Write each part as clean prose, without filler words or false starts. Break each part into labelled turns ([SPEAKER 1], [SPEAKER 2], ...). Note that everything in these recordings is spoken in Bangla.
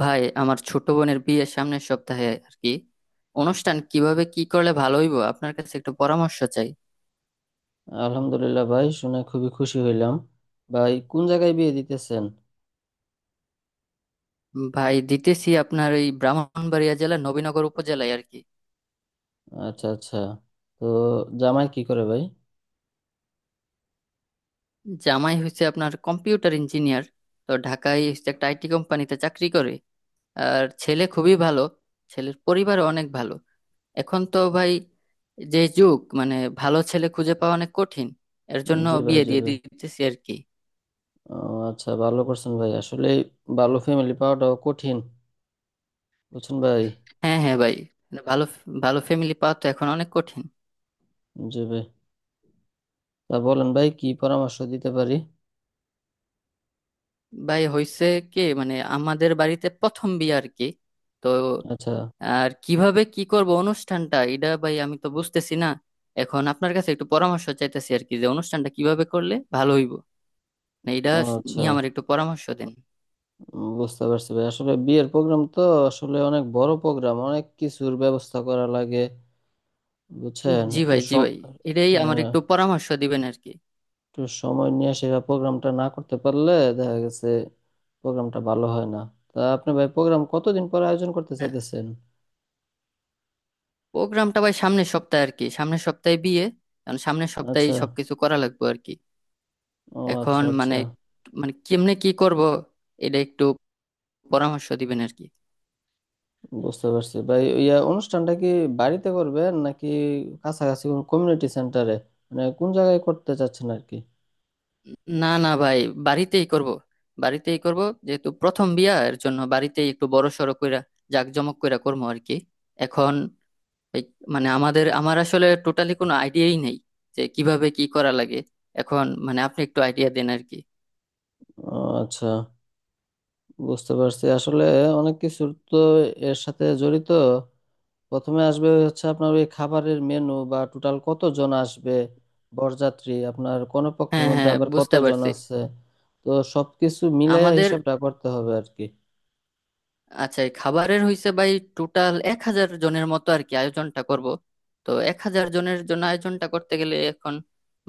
[SPEAKER 1] ভাই আমার ছোট বোনের বিয়ে সামনের সপ্তাহে আর কি। অনুষ্ঠান কিভাবে কি করলে ভালো হইব আপনার কাছে একটু পরামর্শ চাই।
[SPEAKER 2] আলহামদুলিল্লাহ, ভাই, শুনে খুবই খুশি হইলাম। ভাই, কোন জায়গায় বিয়ে দিতেছেন?
[SPEAKER 1] ভাই দিতেছি আপনার এই ব্রাহ্মণবাড়িয়া জেলার নবীনগর উপজেলায় আর কি।
[SPEAKER 2] আচ্ছা আচ্ছা। তো জামাই কি করে, ভাই?
[SPEAKER 1] জামাই হচ্ছে আপনার কম্পিউটার ইঞ্জিনিয়ার, তো ঢাকায় হচ্ছে একটা আইটি কোম্পানিতে চাকরি করে। আর ছেলে খুবই ভালো, ছেলের পরিবারও অনেক ভালো। এখন তো ভাই যে যুগ, মানে ভালো ছেলে খুঁজে পাওয়া অনেক কঠিন, এর জন্য
[SPEAKER 2] জি ভাই,
[SPEAKER 1] বিয়ে
[SPEAKER 2] জি
[SPEAKER 1] দিয়ে
[SPEAKER 2] ভাই।
[SPEAKER 1] দিতেছি আর কি।
[SPEAKER 2] ও, আচ্ছা, ভালো করছেন ভাই। আসলে ভালো ফ্যামিলি পাওয়াটাও কঠিন, বুঝছেন ভাই।
[SPEAKER 1] হ্যাঁ, হ্যাঁ ভাই, ভালো, ভালো ফ্যামিলি পাওয়া তো এখন অনেক কঠিন।
[SPEAKER 2] জি ভাই। তা বলেন ভাই, কি পরামর্শ দিতে পারি।
[SPEAKER 1] ভাই হয়েছে কি, মানে আমাদের বাড়িতে প্রথম বিয়ে আর কি। তো
[SPEAKER 2] আচ্ছা।
[SPEAKER 1] আর কিভাবে কি করব অনুষ্ঠানটা এটা ভাই আমি তো বুঝতেছি না। এখন আপনার কাছে একটু পরামর্শ চাইতেছি আর কি, যে অনুষ্ঠানটা কিভাবে করলে ভালো হইব না, এটা
[SPEAKER 2] ও আচ্ছা।
[SPEAKER 1] নিয়ে আমার একটু পরামর্শ দেন।
[SPEAKER 2] বুঝতে পারছি ভাই। আসলে বিয়ের প্রোগ্রাম তো আসলে অনেক বড় প্রোগ্রাম, অনেক কিছুর ব্যবস্থা করা লাগে। বুঝছেন
[SPEAKER 1] জি
[SPEAKER 2] একটু
[SPEAKER 1] ভাই, জি
[SPEAKER 2] সব।
[SPEAKER 1] ভাই, এটাই আমার একটু পরামর্শ দিবেন আর কি।
[SPEAKER 2] একটু সময় নিয়ে সেরা প্রোগ্রামটা না করতে পারলে দেখা গেছে প্রোগ্রামটা ভালো হয় না। তা আপনি ভাই প্রোগ্রাম কতদিন পরে আয়োজন করতে
[SPEAKER 1] হ্যাঁ,
[SPEAKER 2] চাইতেছেন?
[SPEAKER 1] প্রোগ্রামটা ভাই সামনের সপ্তাহে আর কি, সামনের সপ্তাহে বিয়ে, কারণ সামনের সপ্তাহেই
[SPEAKER 2] আচ্ছা।
[SPEAKER 1] সবকিছু করা লাগবে আর কি।
[SPEAKER 2] ও আচ্ছা
[SPEAKER 1] এখন
[SPEAKER 2] আচ্ছা।
[SPEAKER 1] মানে, মানে কেমনে কি করব, এটা একটু পরামর্শ দিবেন আর কি।
[SPEAKER 2] বুঝতে পারছি ভাই, অনুষ্ঠানটা কি বাড়িতে করবেন নাকি কাছাকাছি কোনো কমিউনিটি সেন্টারে? মানে কোন জায়গায় করতে চাচ্ছেন আর কি?
[SPEAKER 1] না না ভাই, বাড়িতেই করব, বাড়িতেই করব, যেহেতু প্রথম বিয়া এর জন্য বাড়িতেই একটু বড় সড়ো কইরা জাঁকজমক কইরা করবো আর কি। এখন এই, মানে আমার আসলে টোটালি কোনো আইডিয়াই নেই যে কিভাবে কি করা লাগে। এখন মানে আপনি একটু আইডিয়া দেন আর কি।
[SPEAKER 2] ও আচ্ছা। বুঝতে পারছি, আসলে অনেক কিছু তো এর সাথে জড়িত। প্রথমে আসবে হচ্ছে আপনার ওই খাবারের মেনু, বা টোটাল কতজন আসবে, বরযাত্রী আপনার কোন পক্ষের
[SPEAKER 1] হ্যাঁ
[SPEAKER 2] মধ্যে
[SPEAKER 1] হ্যাঁ,
[SPEAKER 2] আবার
[SPEAKER 1] বুঝতে
[SPEAKER 2] কতজন
[SPEAKER 1] পারছি।
[SPEAKER 2] আছে। তো সবকিছু মিলাইয়া
[SPEAKER 1] আমাদের,
[SPEAKER 2] হিসাবটা করতে হবে আর কি।
[SPEAKER 1] আচ্ছা এই খাবারের হইছে ভাই, টোটাল 1000 জনের মতো আর কি আয়োজনটা করব। তো 1000 জনের জন্য আয়োজনটা করতে গেলে এখন,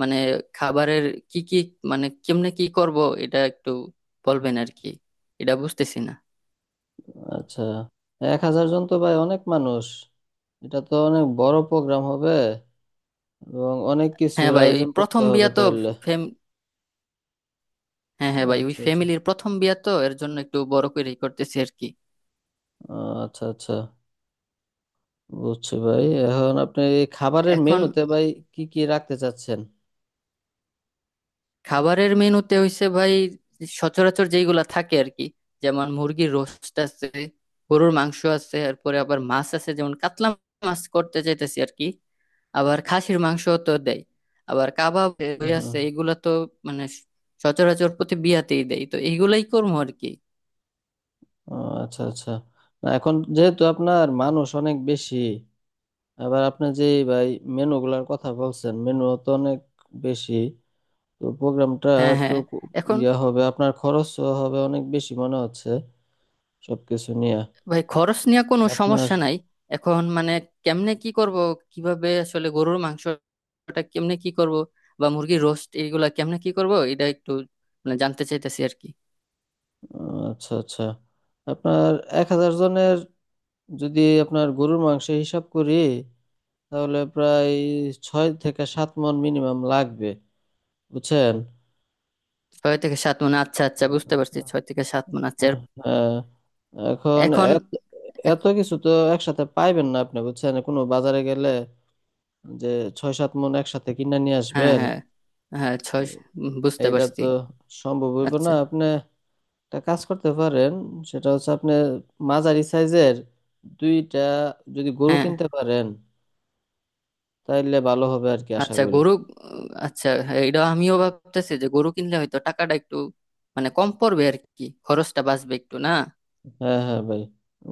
[SPEAKER 1] মানে খাবারের কি কি, মানে কেমনে কি করব, এটা একটু বলবেন আর কি, এটা বুঝতেছি না।
[SPEAKER 2] আচ্ছা। 1000 জন তো ভাই অনেক মানুষ। এটা তো অনেক বড় প্রোগ্রাম হবে এবং অনেক
[SPEAKER 1] হ্যাঁ
[SPEAKER 2] কিছুর
[SPEAKER 1] ভাই, ওই
[SPEAKER 2] আয়োজন করতে
[SPEAKER 1] প্রথম
[SPEAKER 2] হবে
[SPEAKER 1] বিয়া তো,
[SPEAKER 2] তাহলে।
[SPEAKER 1] ফেম হ্যাঁ হ্যাঁ ভাই ওই
[SPEAKER 2] আচ্ছা আচ্ছা।
[SPEAKER 1] ফ্যামিলির প্রথম বিয়া তো, এর জন্য একটু বড় করেই করতেছি আর কি।
[SPEAKER 2] আচ্ছা আচ্ছা। বুঝছি ভাই, এখন আপনি এই খাবারের
[SPEAKER 1] এখন
[SPEAKER 2] মেনুতে ভাই কি কি রাখতে চাচ্ছেন?
[SPEAKER 1] খাবারের মেনুতে হইছে ভাই, সচরাচর যেইগুলা থাকে আর কি, যেমন মুরগির রোস্ট আছে, গরুর মাংস আছে, এরপরে আবার মাছ আছে যেমন কাতলা মাছ করতে চাইতেছি আর কি। আবার খাসির মাংস তো দেয়, আবার কাবাব হয়ে
[SPEAKER 2] হুম।
[SPEAKER 1] আছে, এগুলা তো মানে সচরাচর প্রতি বিয়াতেই দেয়, তো এইগুলাই করবো আর কি।
[SPEAKER 2] ও আচ্ছা আচ্ছা। না, এখন যেহেতু আপনার মানুষ অনেক বেশি, আবার আপনি যে ভাই মেনুগুলার কথা বলছেন মেনু তো অনেক বেশি, তো প্রোগ্রামটা
[SPEAKER 1] হ্যাঁ
[SPEAKER 2] একটু
[SPEAKER 1] হ্যাঁ, এখন
[SPEAKER 2] হবে। আপনার খরচ হবে অনেক বেশি মনে হচ্ছে সবকিছু নিয়ে
[SPEAKER 1] ভাই খরচ নিয়ে কোনো
[SPEAKER 2] আপনার।
[SPEAKER 1] সমস্যা নাই। এখন মানে কেমনে কি করব, কিভাবে আসলে গরুর মাংসটা কেমনে কি করব, বা মুরগির রোস্ট এগুলা কেমনে কি করব, এটা একটু মানে জানতে চাইতেছি আর কি।
[SPEAKER 2] আচ্ছা আচ্ছা। আপনার এক হাজার জনের, যদি আপনার গরুর মাংস হিসাব করি, তাহলে প্রায় 6-7 মণ মিনিমাম লাগবে, বুঝছেন।
[SPEAKER 1] ছয় থেকে সাত মানে আচ্ছা আচ্ছা বুঝতে পারছি, ছয় থেকে সাত মানে আচ্ছা
[SPEAKER 2] হ্যাঁ। এখন
[SPEAKER 1] এখন,
[SPEAKER 2] এত এত কিছু তো একসাথে পাইবেন না আপনি, বুঝছেন, কোনো বাজারে গেলে যে 6-7 মণ একসাথে কিনে নিয়ে
[SPEAKER 1] হ্যাঁ
[SPEAKER 2] আসবেন।
[SPEAKER 1] হ্যাঁ, হ্যাঁ ছয়, বুঝতে
[SPEAKER 2] এইটা
[SPEAKER 1] পারছি।
[SPEAKER 2] তো সম্ভব হইব না।
[SPEAKER 1] আচ্ছা,
[SPEAKER 2] আপনি একটা কাজ করতে পারেন, সেটা হচ্ছে আপনি মাঝারি সাইজের 2টা যদি গরু
[SPEAKER 1] হ্যাঁ।
[SPEAKER 2] কিনতে পারেন, তাইলে ভালো হবে আর কি, আশা
[SPEAKER 1] আচ্ছা
[SPEAKER 2] করি।
[SPEAKER 1] গরু, আচ্ছা, হ্যাঁ, এটা আমিও ভাবতেছি যে গরু কিনলে হয়তো টাকাটা একটু মানে কম পড়বে আর কি, খরচটা বাঁচবে একটু, না?
[SPEAKER 2] হ্যাঁ হ্যাঁ ভাই।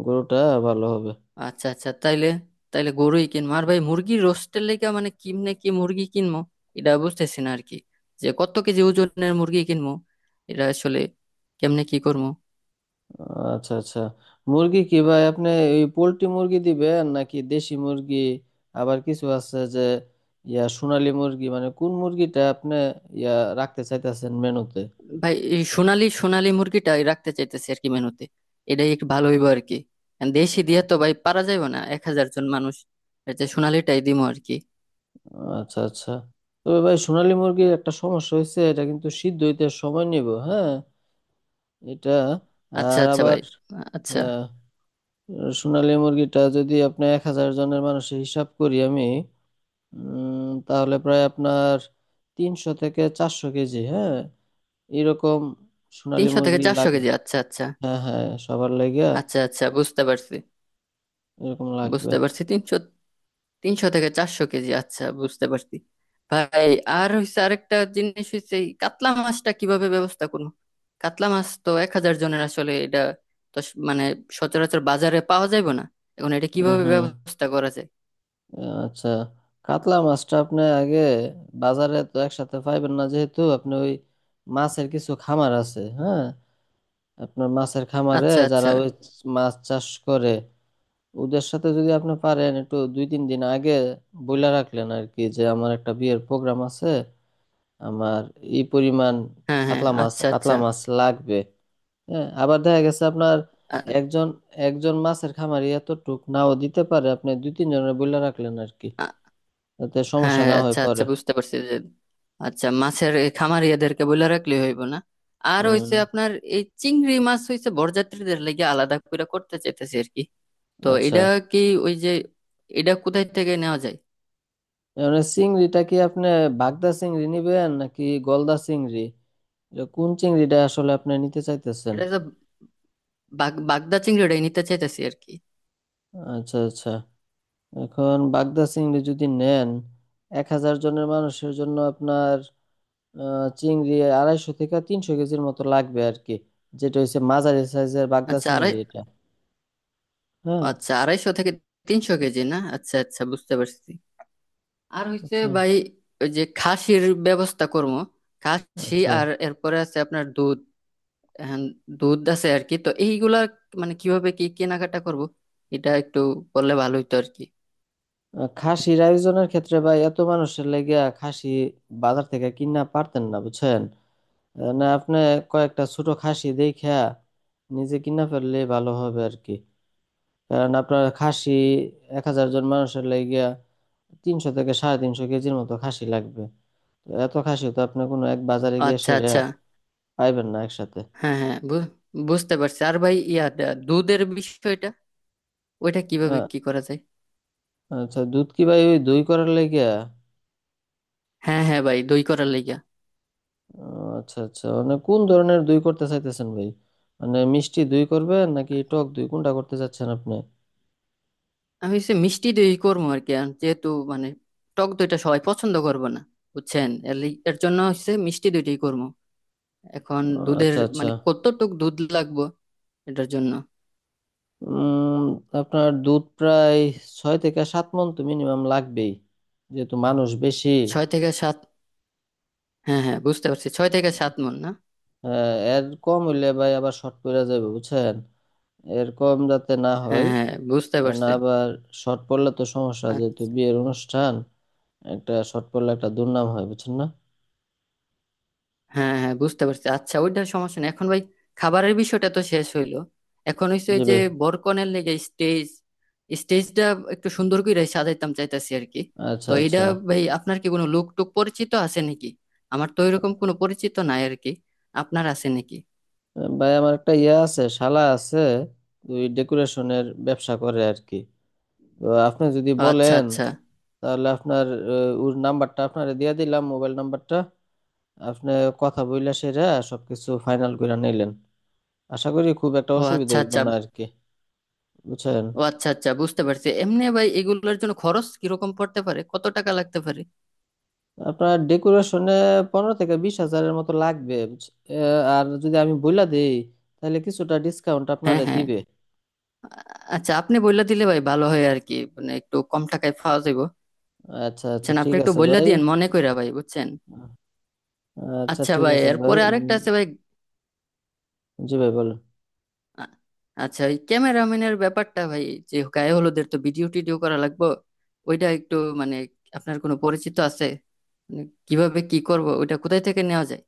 [SPEAKER 2] গরুটা ভালো হবে।
[SPEAKER 1] আচ্ছা আচ্ছা তাইলে, তাইলে গরুই কিনবো। আর ভাই মুরগির রোস্টের লেগে মানে কিমনে কি মুরগি কিনবো, এটা বুঝতেছি না আর কি, যে কত কেজি ওজনের মুরগি কিনবো, এটা আসলে কেমনে কি করবো।
[SPEAKER 2] আচ্ছা আচ্ছা। মুরগি কি ভাই আপনি ওই পোল্ট্রি মুরগি দিবেন নাকি দেশি মুরগি? আবার কিছু আছে যে সোনালী মুরগি। মানে কোন মুরগিটা আপনি ইয়া রাখতে চাইতেছেন মেনুতে?
[SPEAKER 1] ভাই এই সোনালি সোনালি মুরগিটা রাখতে চাইতেছি আর কি মেনুতে, এটাই একটু ভালো হইবো আর কি। কারণ দেশি দিয়ে তো ভাই পারা যাবে না 1000 জন মানুষ, এর যে সোনালিটাই দিমো আর কি।
[SPEAKER 2] আচ্ছা আচ্ছা। তবে ভাই সোনালী মুরগির একটা সমস্যা হয়েছে, এটা কিন্তু সিদ্ধ হইতে সময় নিব, হ্যাঁ। এটা
[SPEAKER 1] আচ্ছা
[SPEAKER 2] আর
[SPEAKER 1] আচ্ছা
[SPEAKER 2] আবার
[SPEAKER 1] ভাই, আচ্ছা
[SPEAKER 2] আহ, সোনালী মুরগিটা, যদি আপনি 1000 জনের মানুষের হিসাব করি আমি, তাহলে প্রায় আপনার 300-400 কেজি, হ্যাঁ, এরকম সোনালী
[SPEAKER 1] তিনশো থেকে
[SPEAKER 2] মুরগি
[SPEAKER 1] চারশো
[SPEAKER 2] লাগবে।
[SPEAKER 1] কেজি আচ্ছা আচ্ছা,
[SPEAKER 2] হ্যাঁ হ্যাঁ, সবার লাগিয়া
[SPEAKER 1] আচ্ছা আচ্ছা বুঝতে পারছি,
[SPEAKER 2] এরকম লাগবে।
[SPEAKER 1] বুঝতে পারছি তিনশো, তিনশো থেকে চারশো কেজি, আচ্ছা বুঝতে পারছি ভাই। আর হইছে আরেকটা জিনিস হইছে, এই কাতলা মাছটা কিভাবে ব্যবস্থা করবো, কাতলা মাছ তো 1000 জনের আসলে, এটা তো মানে সচরাচর বাজারে পাওয়া যাবে না, এখন এটা
[SPEAKER 2] হুম
[SPEAKER 1] কিভাবে
[SPEAKER 2] হুম।
[SPEAKER 1] ব্যবস্থা করা যায়?
[SPEAKER 2] আচ্ছা। কাতলা মাছটা আপনি আগে বাজারে তো একসাথে পাইবেন না, যেহেতু আপনি ওই মাছের কিছু খামার আছে, হ্যাঁ। আপনার মাছের খামারে
[SPEAKER 1] আচ্ছা
[SPEAKER 2] যারা
[SPEAKER 1] আচ্ছা,
[SPEAKER 2] ওই মাছ চাষ করে, ওদের সাথে যদি আপনি পারেন একটু 2-3 দিন আগে বইলা রাখলেন আর কি, যে আমার একটা বিয়ের প্রোগ্রাম আছে, আমার এই পরিমাণ
[SPEAKER 1] হ্যাঁ হ্যাঁ,
[SPEAKER 2] কাতলা মাছ
[SPEAKER 1] আচ্ছা
[SPEAKER 2] কাতলা
[SPEAKER 1] আচ্ছা,
[SPEAKER 2] মাছ লাগবে। হ্যাঁ। আবার দেখা গেছে আপনার
[SPEAKER 1] আ-
[SPEAKER 2] একজন একজন মাছের খামারি এত টুক নাও দিতে পারে, আপনি 2-3 জনের বইলা রাখলেন আর কি,
[SPEAKER 1] আ-
[SPEAKER 2] তাতে
[SPEAKER 1] হ্যাঁ
[SPEAKER 2] সমস্যা
[SPEAKER 1] হ্যাঁ,
[SPEAKER 2] না হয়
[SPEAKER 1] আচ্ছা
[SPEAKER 2] পরে।
[SPEAKER 1] আচ্ছা বুঝতে পারছি যে আচ্ছা মাছের এই খামারিয়াদেরকে বলে রাখলে হইব না। আর
[SPEAKER 2] হুম।
[SPEAKER 1] হইছে আপনার, এই চিংড়ি মাছ হইছে বরযাত্রীদের লেগে আলাদা করে করতে চাইতেছি আর কি, তো
[SPEAKER 2] আচ্ছা।
[SPEAKER 1] এটা কি, ওই যে, এটা কোথায় থেকে নেওয়া যায়?
[SPEAKER 2] মানে চিংড়িটা কি আপনি বাগদা চিংড়ি নিবেন নাকি গলদা চিংড়ি? এটা কোন চিংড়িটা আসলে আপনি নিতে চাইতেছেন?
[SPEAKER 1] এটা যে বাগদা চিংড়িটাই নিতে চাইতেছি আর কি।
[SPEAKER 2] আচ্ছা আচ্ছা। এখন বাগদা চিংড়ি যদি নেন, 1000 জনের মানুষের জন্য আপনার চিংড়ি 250-300 কেজির মতো লাগবে আর কি, যেটা হচ্ছে মাঝারি সাইজের বাগদা
[SPEAKER 1] আচ্ছা
[SPEAKER 2] চিংড়ি
[SPEAKER 1] আড়াই,
[SPEAKER 2] এটা। হ্যাঁ।
[SPEAKER 1] আচ্ছা 250 থেকে 300 কেজি, না আচ্ছা আচ্ছা বুঝতে পারছি। আর হচ্ছে
[SPEAKER 2] আচ্ছা
[SPEAKER 1] ভাই ওই যে খাসির ব্যবস্থা করবো, খাসি
[SPEAKER 2] আচ্ছা।
[SPEAKER 1] আর এরপরে আছে আপনার দুধ। হ্যাঁ, দুধ আছে আর কি, তো এইগুলা মানে কিভাবে কি কেনাকাটা করব, এটা একটু বললে ভালো হতো আর কি।
[SPEAKER 2] খাসির আয়োজনের ক্ষেত্রে ভাই, এত মানুষের লেগিয়া খাসি বাজার থেকে কিনা পারতেন না, বুঝছেন। না, আপনি কয়েকটা ছোট খাসি দেখে নিজে কিনা ফেললে ভালো হবে আর কি। কারণ আপনার খাসি 1000 জন মানুষের লেগিয়া 300-350 কেজির মতো খাসি লাগবে। তো এত খাসি তো আপনি কোনো এক বাজারে গিয়ে
[SPEAKER 1] আচ্ছা
[SPEAKER 2] সেরে
[SPEAKER 1] আচ্ছা,
[SPEAKER 2] পাইবেন না একসাথে।
[SPEAKER 1] হ্যাঁ হ্যাঁ বুঝতে পারছি। আর ভাই ইয়া দুধের বিষয়টা ওইটা কিভাবে
[SPEAKER 2] আহ,
[SPEAKER 1] কি করা যায়?
[SPEAKER 2] আচ্ছা। দুধ কি ভাই ওই দই করার লেগিয়া?
[SPEAKER 1] হ্যাঁ হ্যাঁ ভাই, দই করার লাইগা।
[SPEAKER 2] আচ্ছা আচ্ছা। মানে কোন ধরনের দই করতে চাইতেছেন ভাই? মানে মিষ্টি দই করবেন নাকি টক দই, কোনটা করতে চাচ্ছেন আপনি?
[SPEAKER 1] আমি হচ্ছে মিষ্টি দই করবো আর কি, আর যেহেতু মানে টক দইটা সবাই পছন্দ করবে না, বুঝছেন, এর জন্য হচ্ছে মিষ্টি দইটাই করবো। এখন দুধের
[SPEAKER 2] আচ্ছা আচ্ছা।
[SPEAKER 1] মানে কতটুক দুধ লাগবো এটার জন্য?
[SPEAKER 2] উম আপনার দুধ প্রায় 6-7 মণ তো মিনিমাম লাগবেই, যেহেতু মানুষ বেশি।
[SPEAKER 1] ছয় থেকে সাত, হ্যাঁ হ্যাঁ বুঝতে পারছি, ছয় থেকে সাত মণ, না?
[SPEAKER 2] আহ, এর কম হইলে ভাই আবার শর্ট পড়ে যাবে, বুঝছেন। এর কম যাতে না
[SPEAKER 1] হ্যাঁ
[SPEAKER 2] হয়।
[SPEAKER 1] হ্যাঁ বুঝতে
[SPEAKER 2] না
[SPEAKER 1] পারছি।
[SPEAKER 2] আবার শর্ট পড়লে তো সমস্যা, যেহেতু
[SPEAKER 1] আচ্ছা।
[SPEAKER 2] বিয়ের অনুষ্ঠান, একটা শর্ট পড়লে একটা দুর্নাম হয়, বুঝছেন না।
[SPEAKER 1] হ্যাঁ হ্যাঁ বুঝতে পারছি, আচ্ছা ওইটার সমস্যা নেই। এখন ভাই খাবারের বিষয়টা তো শেষ হইলো, এখন হচ্ছে
[SPEAKER 2] জি
[SPEAKER 1] ওই যে
[SPEAKER 2] ভাই।
[SPEAKER 1] বরকনের লেগে স্টেজ, স্টেজটা একটু সুন্দর করে সাজাইতাম চাইতাছি আর কি,
[SPEAKER 2] আচ্ছা
[SPEAKER 1] তো
[SPEAKER 2] আচ্ছা
[SPEAKER 1] এটা ভাই আপনার কি কোনো লোক টুক পরিচিত আছে নাকি? আমার তো এরকম কোনো পরিচিত নাই আর কি, আপনার আছে নাকি?
[SPEAKER 2] ভাই, আমার একটা আছে, শালা আছে, ওই ডেকোরেশনের ব্যবসা করে আর কি। তো আপনি যদি
[SPEAKER 1] ও আচ্ছা
[SPEAKER 2] বলেন
[SPEAKER 1] আচ্ছা,
[SPEAKER 2] তাহলে আপনার ওর নাম্বারটা আপনারে দিয়ে দিলাম, মোবাইল নাম্বারটা। আপনি কথা বইলা সেরা সবকিছু ফাইনাল করে নিলেন। আশা করি খুব একটা
[SPEAKER 1] ও
[SPEAKER 2] অসুবিধা
[SPEAKER 1] আচ্ছা
[SPEAKER 2] হইব
[SPEAKER 1] আচ্ছা,
[SPEAKER 2] না আর কি, বুঝছেন।
[SPEAKER 1] ও আচ্ছা আচ্ছা বুঝতে পারছি। এমনি ভাই এগুলোর জন্য খরচ কিরকম পড়তে পারে, কত টাকা লাগতে পারে?
[SPEAKER 2] আপনার ডেকোরেশনে 15-20 হাজারের মতো লাগবে, আর যদি আমি বইলা দিই তাহলে কিছুটা ডিসকাউন্ট
[SPEAKER 1] হ্যাঁ
[SPEAKER 2] আপনারে
[SPEAKER 1] হ্যাঁ,
[SPEAKER 2] দিবে।
[SPEAKER 1] আচ্ছা আপনি বললা দিলে ভাই ভালো হয় আর কি, মানে একটু কম টাকায় পাওয়া যাবে।
[SPEAKER 2] আচ্ছা
[SPEAKER 1] আচ্ছা
[SPEAKER 2] আচ্ছা ঠিক
[SPEAKER 1] আপনি একটু
[SPEAKER 2] আছে
[SPEAKER 1] বললে
[SPEAKER 2] ভাই।
[SPEAKER 1] দিয়েন মনে কইরা ভাই, বুঝছেন?
[SPEAKER 2] আচ্ছা
[SPEAKER 1] আচ্ছা
[SPEAKER 2] ঠিক
[SPEAKER 1] ভাই
[SPEAKER 2] আছে ভাই।
[SPEAKER 1] এরপরে আরেকটা আছে ভাই,
[SPEAKER 2] জি ভাই, বলেন।
[SPEAKER 1] আ- আচ্ছা ওই ক্যামেরাম্যানের ব্যাপারটা ভাই, যে গায়ে হলুদের তো ভিডিও টিডিও করা লাগবে, ওইটা একটু মানে আপনার কোনো পরিচিত আছে? মানে কিভাবে কি করব, ওইটা কোথায় থেকে নেওয়া যায়?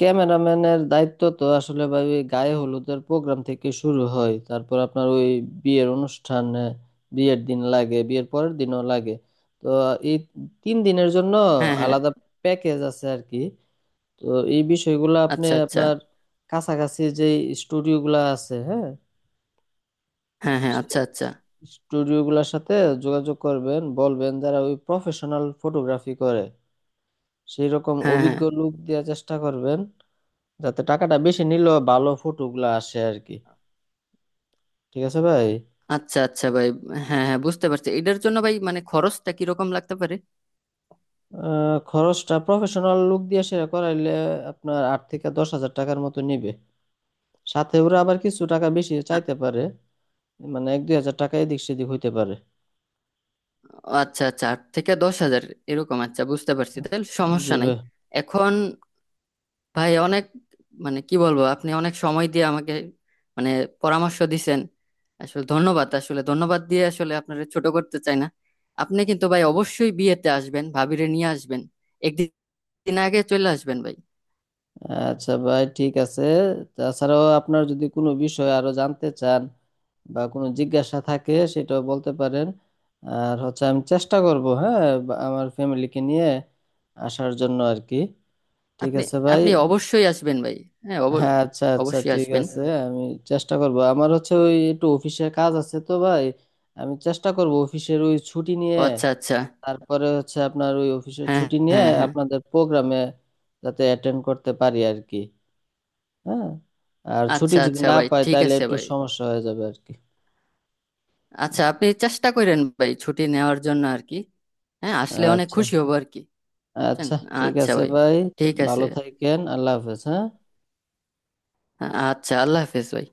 [SPEAKER 2] ক্যামেরাম্যানের দায়িত্ব তো আসলে ভাই ওই গায়ে হলুদের প্রোগ্রাম থেকে শুরু হয়, তারপর আপনার ওই বিয়ের অনুষ্ঠানে, বিয়ের দিন লাগে, বিয়ের পরের দিনও লাগে। তো এই 3 দিনের জন্য
[SPEAKER 1] হ্যাঁ হ্যাঁ,
[SPEAKER 2] আলাদা প্যাকেজ আছে আর কি। তো এই বিষয়গুলো আপনি
[SPEAKER 1] আচ্ছা আচ্ছা,
[SPEAKER 2] আপনার কাছাকাছি যে স্টুডিওগুলো আছে, হ্যাঁ,
[SPEAKER 1] হ্যাঁ হ্যাঁ, আচ্ছা আচ্ছা,
[SPEAKER 2] স্টুডিওগুলোর সাথে যোগাযোগ করবেন, বলবেন যারা ওই প্রফেশনাল ফটোগ্রাফি করে সেই রকম
[SPEAKER 1] হ্যাঁ হ্যাঁ,
[SPEAKER 2] অভিজ্ঞ লোক দেওয়ার চেষ্টা করবেন, যাতে টাকাটা বেশি নিলেও ভালো ফটোগুলা আসে আর কি। ঠিক আছে ভাই।
[SPEAKER 1] আচ্ছা আচ্ছা ভাই, হ্যাঁ হ্যাঁ বুঝতে পারছি। এটার জন্য ভাই মানে খরচটা কিরকম লাগতে পারে?
[SPEAKER 2] খরচটা প্রফেশনাল লুক দিয়ে সেরা করাইলে আপনার 8-10 হাজার টাকার মতো নিবে। সাথে ওরা আবার কিছু টাকা বেশি
[SPEAKER 1] আ-
[SPEAKER 2] চাইতে পারে, মানে 1-2 হাজার টাকা এদিক সেদিক হইতে পারে।
[SPEAKER 1] আচ্ছা আচ্ছা, 8 থেকে 10,000 এরকম, আচ্ছা বুঝতে পারছি তাহলে
[SPEAKER 2] জি
[SPEAKER 1] সমস্যা নাই।
[SPEAKER 2] ভাই।
[SPEAKER 1] এখন ভাই অনেক, মানে কি বলবো, আপনি অনেক সময় দিয়ে আমাকে মানে পরামর্শ দিছেন। আসলে ধন্যবাদ, আসলে ধন্যবাদ দিয়ে আসলে আপনারা ছোট করতে চাই না। আপনি কিন্তু ভাই অবশ্যই বিয়েতে আসবেন, ভাবিরে নিয়ে আসবেন, একদিন আগে চলে আসবেন ভাই।
[SPEAKER 2] আচ্ছা ভাই, ঠিক আছে। তাছাড়াও আপনার যদি কোনো বিষয় আরো জানতে চান বা কোনো জিজ্ঞাসা থাকে, সেটাও বলতে পারেন। আর হচ্ছে আমি চেষ্টা করব, হ্যাঁ, আমার ফ্যামিলিকে নিয়ে আসার জন্য আর কি। ঠিক
[SPEAKER 1] আপনি,
[SPEAKER 2] আছে ভাই।
[SPEAKER 1] আপনি অবশ্যই আসবেন ভাই, হ্যাঁ
[SPEAKER 2] হ্যাঁ আচ্ছা আচ্ছা
[SPEAKER 1] অবশ্যই
[SPEAKER 2] ঠিক
[SPEAKER 1] আসবেন।
[SPEAKER 2] আছে। আমি চেষ্টা করব, আমার হচ্ছে ওই একটু অফিসের কাজ আছে তো ভাই, আমি চেষ্টা করব অফিসের ওই ছুটি
[SPEAKER 1] ও
[SPEAKER 2] নিয়ে।
[SPEAKER 1] আচ্ছা আচ্ছা,
[SPEAKER 2] তারপরে হচ্ছে আপনার ওই অফিসের
[SPEAKER 1] হ্যাঁ
[SPEAKER 2] ছুটি নিয়ে
[SPEAKER 1] হ্যাঁ, হ্যাঁ,
[SPEAKER 2] আপনাদের প্রোগ্রামে যাতে অ্যাটেন্ড করতে পারি আর কি। হ্যাঁ। আর ছুটি
[SPEAKER 1] আচ্ছা
[SPEAKER 2] যদি
[SPEAKER 1] আচ্ছা
[SPEAKER 2] না
[SPEAKER 1] ভাই
[SPEAKER 2] পাই
[SPEAKER 1] ঠিক
[SPEAKER 2] তাহলে
[SPEAKER 1] আছে
[SPEAKER 2] একটু
[SPEAKER 1] ভাই।
[SPEAKER 2] সমস্যা হয়ে যাবে আর কি।
[SPEAKER 1] আচ্ছা আপনি চেষ্টা করেন ভাই ছুটি নেওয়ার জন্য আর কি, হ্যাঁ আসলে অনেক
[SPEAKER 2] আচ্ছা
[SPEAKER 1] খুশি হব আর কি, বুঝছেন?
[SPEAKER 2] আচ্ছা ঠিক
[SPEAKER 1] আচ্ছা
[SPEAKER 2] আছে
[SPEAKER 1] ভাই
[SPEAKER 2] ভাই।
[SPEAKER 1] ঠিক আছে,
[SPEAKER 2] ভালো থাকেন, আল্লাহ হাফেজ, হ্যাঁ।
[SPEAKER 1] আচ্ছা আল্লাহ হাফেজ ভাই।